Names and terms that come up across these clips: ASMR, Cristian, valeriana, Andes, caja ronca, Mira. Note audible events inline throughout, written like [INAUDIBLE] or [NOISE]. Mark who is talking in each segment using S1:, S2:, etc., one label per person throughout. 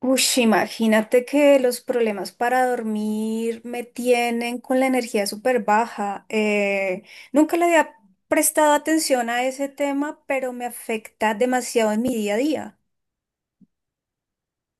S1: Ush, imagínate que los problemas para dormir me tienen con la energía súper baja. Nunca le había prestado atención a ese tema, pero me afecta demasiado en mi día a día.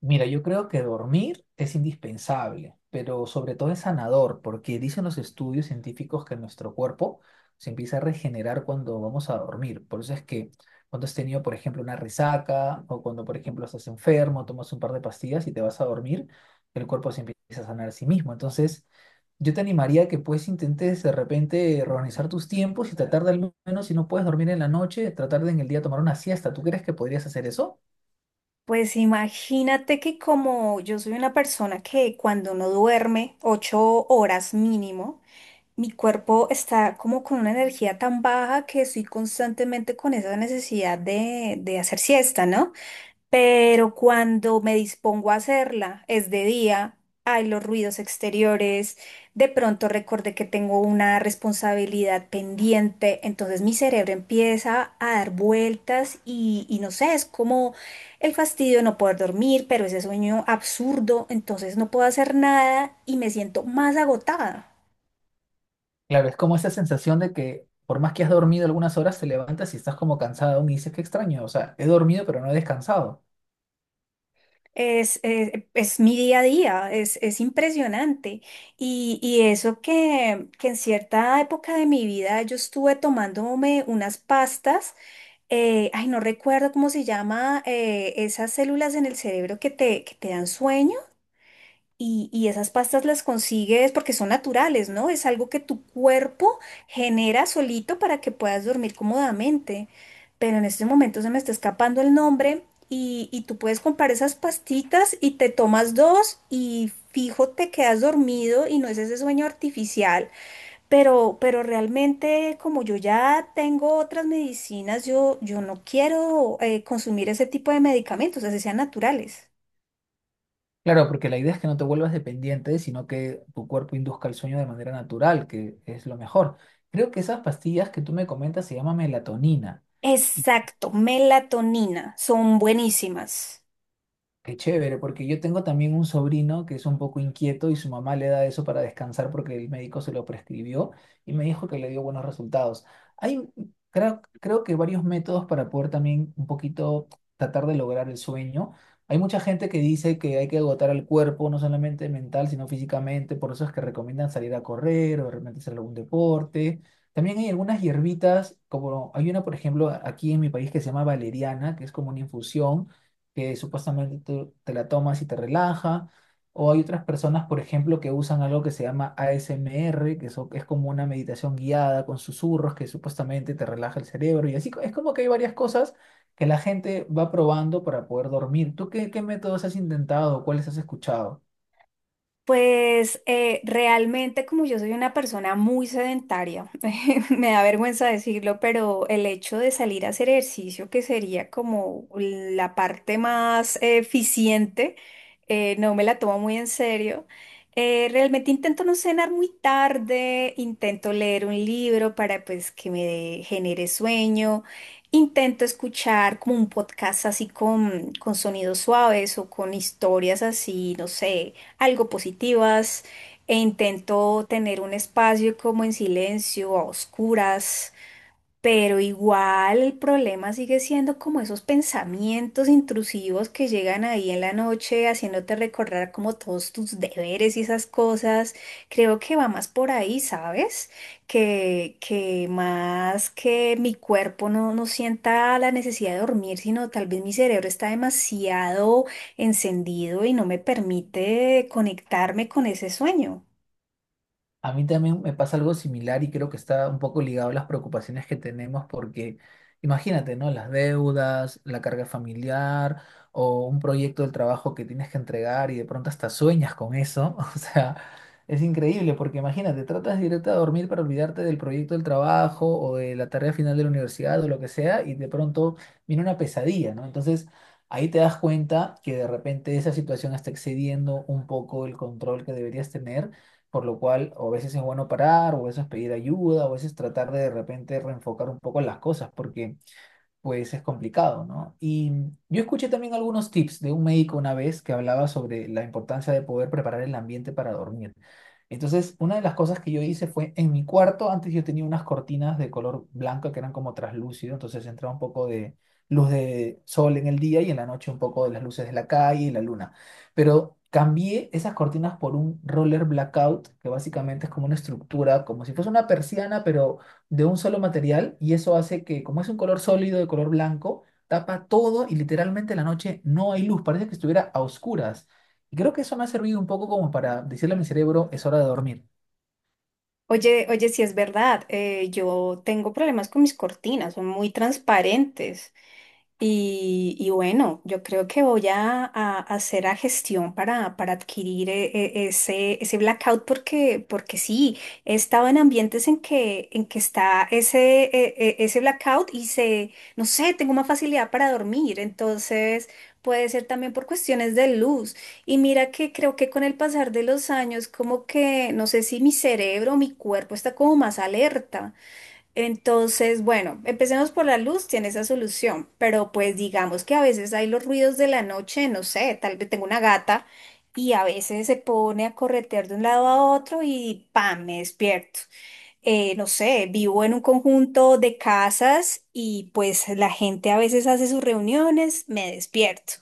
S2: Mira, yo creo que dormir es indispensable, pero sobre todo es sanador, porque dicen los estudios científicos que nuestro cuerpo se empieza a regenerar cuando vamos a dormir. Por eso es que cuando has tenido, por ejemplo, una resaca o cuando, por ejemplo, estás enfermo, tomas un par de pastillas y te vas a dormir, el cuerpo se empieza a sanar a sí mismo. Entonces, yo te animaría que pues intentes de repente organizar tus tiempos y tratar de al menos, si no puedes dormir en la noche, tratar de en el día tomar una siesta. ¿Tú crees que podrías hacer eso?
S1: Pues imagínate que como yo soy una persona que cuando no duerme 8 horas mínimo, mi cuerpo está como con una energía tan baja que estoy constantemente con esa necesidad de hacer siesta, ¿no? Pero cuando me dispongo a hacerla, es de día, hay los ruidos exteriores, de pronto recordé que tengo una responsabilidad pendiente, entonces mi cerebro empieza a dar vueltas y no sé, es como el fastidio de no poder dormir, pero ese sueño absurdo, entonces no puedo hacer nada y me siento más agotada.
S2: Claro, es como esa sensación de que por más que has dormido algunas horas, te levantas y estás como cansado aún y dices, qué extraño, o sea, he dormido pero no he descansado.
S1: Es mi día a día, es impresionante. Y eso que en cierta época de mi vida yo estuve tomándome unas pastas, ay, no recuerdo cómo se llama, esas células en el cerebro que te dan sueño. Y esas pastas las consigues porque son naturales, ¿no? Es algo que tu cuerpo genera solito para que puedas dormir cómodamente. Pero en este momento se me está escapando el nombre y tú puedes comprar esas pastitas y te tomas dos y fijo te quedas dormido y no es ese sueño artificial. Pero realmente como yo ya tengo otras medicinas, yo no quiero consumir ese tipo de medicamentos, así sean naturales.
S2: Claro, porque la idea es que no te vuelvas dependiente, sino que tu cuerpo induzca el sueño de manera natural, que es lo mejor. Creo que esas pastillas que tú me comentas se llaman melatonina.
S1: Exacto, melatonina, son buenísimas.
S2: Qué chévere, porque yo tengo también un sobrino que es un poco inquieto y su mamá le da eso para descansar porque el médico se lo prescribió y me dijo que le dio buenos resultados. Hay, creo que varios métodos para poder también un poquito tratar de lograr el sueño. Hay mucha gente que dice que hay que agotar al cuerpo, no solamente mental, sino físicamente, por eso es que recomiendan salir a correr o de repente hacer algún deporte. También hay algunas hierbitas, como hay una, por ejemplo, aquí en mi país que se llama valeriana, que es como una infusión que supuestamente tú te la tomas y te relaja. O hay otras personas, por ejemplo, que usan algo que se llama ASMR, que eso es como una meditación guiada con susurros que supuestamente te relaja el cerebro. Y así es como que hay varias cosas que la gente va probando para poder dormir. ¿Tú qué métodos has intentado o cuáles has escuchado?
S1: Pues realmente como yo soy una persona muy sedentaria, [LAUGHS] me da vergüenza decirlo, pero el hecho de salir a hacer ejercicio, que sería como la parte más eficiente, no me la tomo muy en serio. Realmente intento no cenar muy tarde, intento leer un libro para pues que me genere sueño, intento escuchar como un podcast así con sonidos suaves o con historias así, no sé algo positivas e intento tener un espacio como en silencio, a oscuras, pero igual el problema sigue siendo como esos pensamientos intrusivos que llegan ahí en la noche haciéndote recordar como todos tus deberes y esas cosas. Creo que va más por ahí, ¿sabes? Que más que mi cuerpo no sienta la necesidad de dormir, sino tal vez mi cerebro está demasiado encendido y no me permite conectarme con ese sueño.
S2: A mí también me pasa algo similar y creo que está un poco ligado a las preocupaciones que tenemos porque imagínate, ¿no? Las deudas, la carga familiar o un proyecto del trabajo que tienes que entregar y de pronto hasta sueñas con eso. [LAUGHS] O sea, es increíble porque imagínate, tratas directo a dormir para olvidarte del proyecto del trabajo o de la tarea final de la universidad o lo que sea y de pronto viene una pesadilla, ¿no? Entonces… Ahí te das cuenta que de repente esa situación está excediendo un poco el control que deberías tener, por lo cual o a veces es bueno parar, o a veces pedir ayuda, o a veces tratar de repente reenfocar un poco las cosas, porque pues es complicado, ¿no? Y yo escuché también algunos tips de un médico una vez que hablaba sobre la importancia de poder preparar el ambiente para dormir. Entonces, una de las cosas que yo hice fue en mi cuarto, antes yo tenía unas cortinas de color blanco que eran como traslúcido, entonces entraba un poco de luz de sol en el día y en la noche un poco de las luces de la calle y la luna. Pero cambié esas cortinas por un roller blackout, que básicamente es como una estructura, como si fuese una persiana, pero de un solo material y eso hace que, como es un color sólido de color blanco, tapa todo y literalmente en la noche no hay luz, parece que estuviera a oscuras. Y creo que eso me ha servido un poco como para decirle a mi cerebro, es hora de dormir.
S1: Oye, oye, sí es verdad, yo tengo problemas con mis cortinas, son muy transparentes y bueno, yo creo que voy a hacer la gestión para adquirir ese blackout porque sí, he estado en ambientes en que está ese, ese blackout y se, no sé, tengo más facilidad para dormir, entonces puede ser también por cuestiones de luz. Y mira que creo que con el pasar de los años, como que no sé si mi cerebro o mi cuerpo está como más alerta. Entonces, bueno, empecemos por la luz, tiene esa solución, pero pues digamos que a veces hay los ruidos de la noche, no sé, tal vez tengo una gata y a veces se pone a corretear de un lado a otro y ¡pam!, me despierto, no sé, vivo en un conjunto de casas y pues la gente a veces hace sus reuniones, me despierto.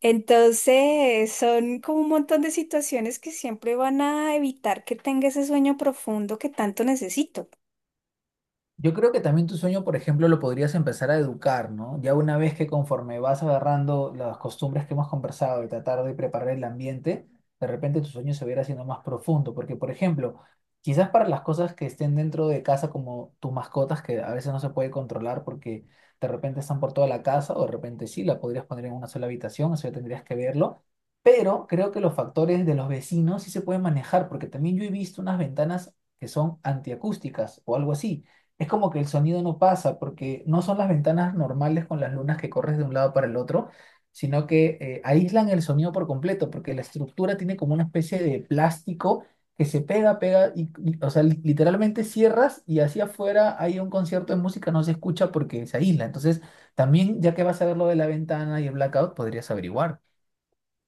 S1: Entonces, son como un montón de situaciones que siempre van a evitar que tenga ese sueño profundo que tanto necesito.
S2: Yo creo que también tu sueño, por ejemplo, lo podrías empezar a educar, ¿no? Ya una vez que conforme vas agarrando las costumbres que hemos conversado de tratar de preparar el ambiente, de repente tu sueño se va a ir haciendo más profundo, porque, por ejemplo, quizás para las cosas que estén dentro de casa, como tus mascotas, que a veces no se puede controlar porque de repente están por toda la casa, o de repente sí, la podrías poner en una sola habitación, eso ya tendrías que verlo. Pero creo que los factores de los vecinos sí se pueden manejar, porque también yo he visto unas ventanas que son antiacústicas o algo así, es como que el sonido no pasa porque no son las ventanas normales con las lunas que corres de un lado para el otro, sino que aíslan el sonido por completo porque la estructura tiene como una especie de plástico que se pega, pega o sea, literalmente cierras y hacia afuera hay un concierto de música, no se escucha porque se aísla. Entonces, también ya que vas a ver lo de la ventana y el blackout, podrías averiguar.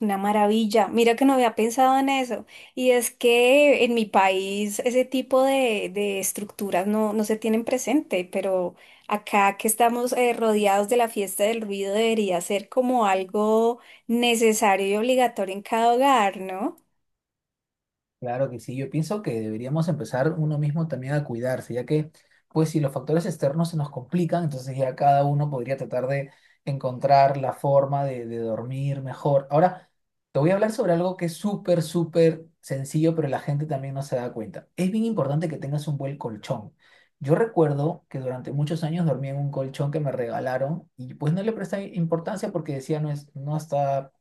S1: Una maravilla. Mira que no había pensado en eso. Y es que en mi país ese tipo de estructuras no se tienen presente, pero acá que estamos rodeados de la fiesta del ruido debería ser como algo necesario y obligatorio en cada hogar, ¿no?
S2: Claro que sí, yo pienso que deberíamos empezar uno mismo también a cuidarse, ya que, pues, si los factores externos se nos complican, entonces ya cada uno podría tratar de encontrar la forma de dormir mejor. Ahora, te voy a hablar sobre algo que es súper, súper sencillo, pero la gente también no se da cuenta. Es bien importante que tengas un buen colchón. Yo recuerdo que durante muchos años dormí en un colchón que me regalaron y pues no le presté importancia porque decía, no es, no está,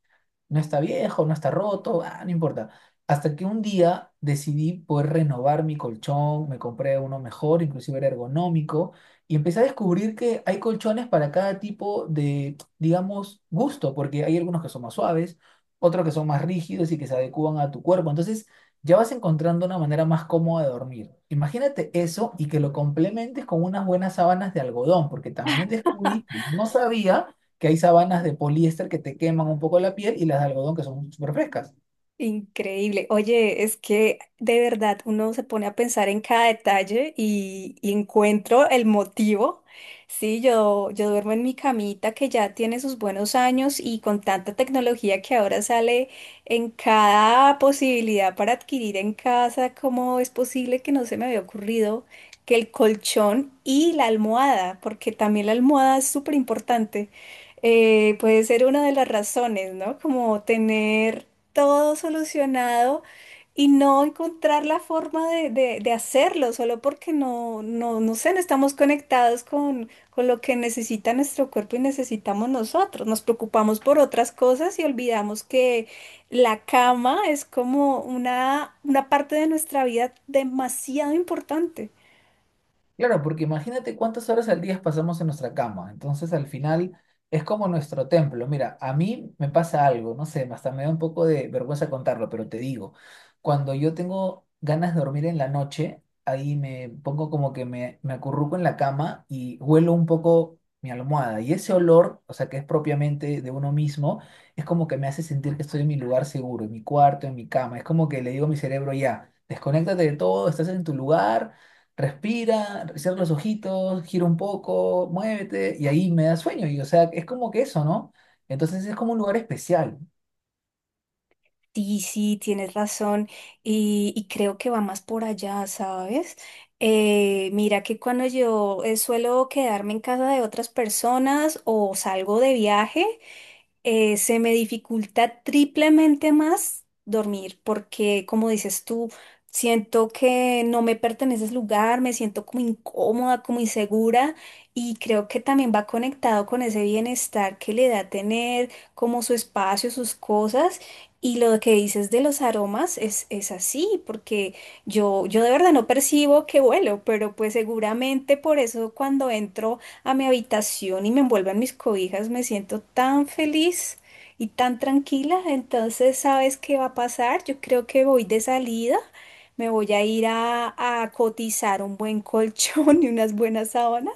S2: no está viejo, no está roto, ah, no importa. Hasta que un día decidí poder renovar mi colchón, me compré uno mejor, inclusive era ergonómico, y empecé a descubrir que hay colchones para cada tipo de, digamos, gusto, porque hay algunos que son más suaves, otros que son más rígidos y que se adecúan a tu cuerpo. Entonces, ya vas encontrando una manera más cómoda de dormir. Imagínate eso y que lo complementes con unas buenas sábanas de algodón, porque también descubrí que no sabía que hay sabanas de poliéster que te queman un poco la piel y las de algodón que son súper frescas.
S1: Increíble. Oye, es que de verdad uno se pone a pensar en cada detalle y encuentro el motivo. Sí, yo duermo en mi camita que ya tiene sus buenos años y con tanta tecnología que ahora sale en cada posibilidad para adquirir en casa, ¿cómo es posible que no se me había ocurrido que el colchón y la almohada, porque también la almohada es súper importante, puede ser una de las razones, ¿no? Como tener todo solucionado y no encontrar la forma de, de hacerlo, solo porque no, no, no sé, no estamos conectados con lo que necesita nuestro cuerpo y necesitamos nosotros. Nos preocupamos por otras cosas y olvidamos que la cama es como una parte de nuestra vida demasiado importante.
S2: Claro, porque imagínate cuántas horas al día pasamos en nuestra cama. Entonces, al final es como nuestro templo. Mira, a mí me pasa algo, no sé, hasta me da un poco de vergüenza contarlo, pero te digo, cuando yo tengo ganas de dormir en la noche, ahí me pongo como que me acurruco en la cama y huelo un poco mi almohada. Y ese olor, o sea, que es propiamente de uno mismo, es como que me hace sentir que estoy en mi lugar seguro, en mi cuarto, en mi cama. Es como que le digo a mi cerebro, ya, desconéctate de todo, estás en tu lugar. Respira, cierra los ojitos, gira un poco, muévete y ahí me da sueño. Y o sea, es como que eso, ¿no? Entonces es como un lugar especial.
S1: Sí, sí, tienes razón y creo que va más por allá, ¿sabes? Mira que cuando yo suelo quedarme en casa de otras personas o salgo de viaje, se me dificulta triplemente más dormir, porque como dices tú, siento que no me pertenece ese lugar, me siento como incómoda, como insegura y creo que también va conectado con ese bienestar que le da tener como su espacio, sus cosas. Y lo que dices de los aromas es así, porque yo de verdad no percibo que huelo, pero pues seguramente por eso cuando entro a mi habitación y me envuelvo en mis cobijas, me siento tan feliz y tan tranquila. Entonces, ¿sabes qué va a pasar? Yo creo que voy de salida. Me voy a ir a cotizar un buen colchón [LAUGHS] y unas buenas sábanas.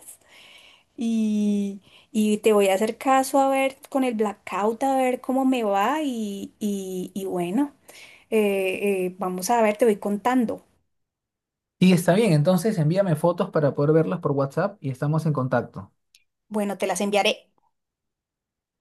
S1: Y, te voy a hacer caso a ver con el blackout, a ver cómo me va. Y, bueno, vamos a ver, te voy contando.
S2: Y está bien, entonces envíame fotos para poder verlas por WhatsApp y estamos en contacto.
S1: Bueno, te las enviaré.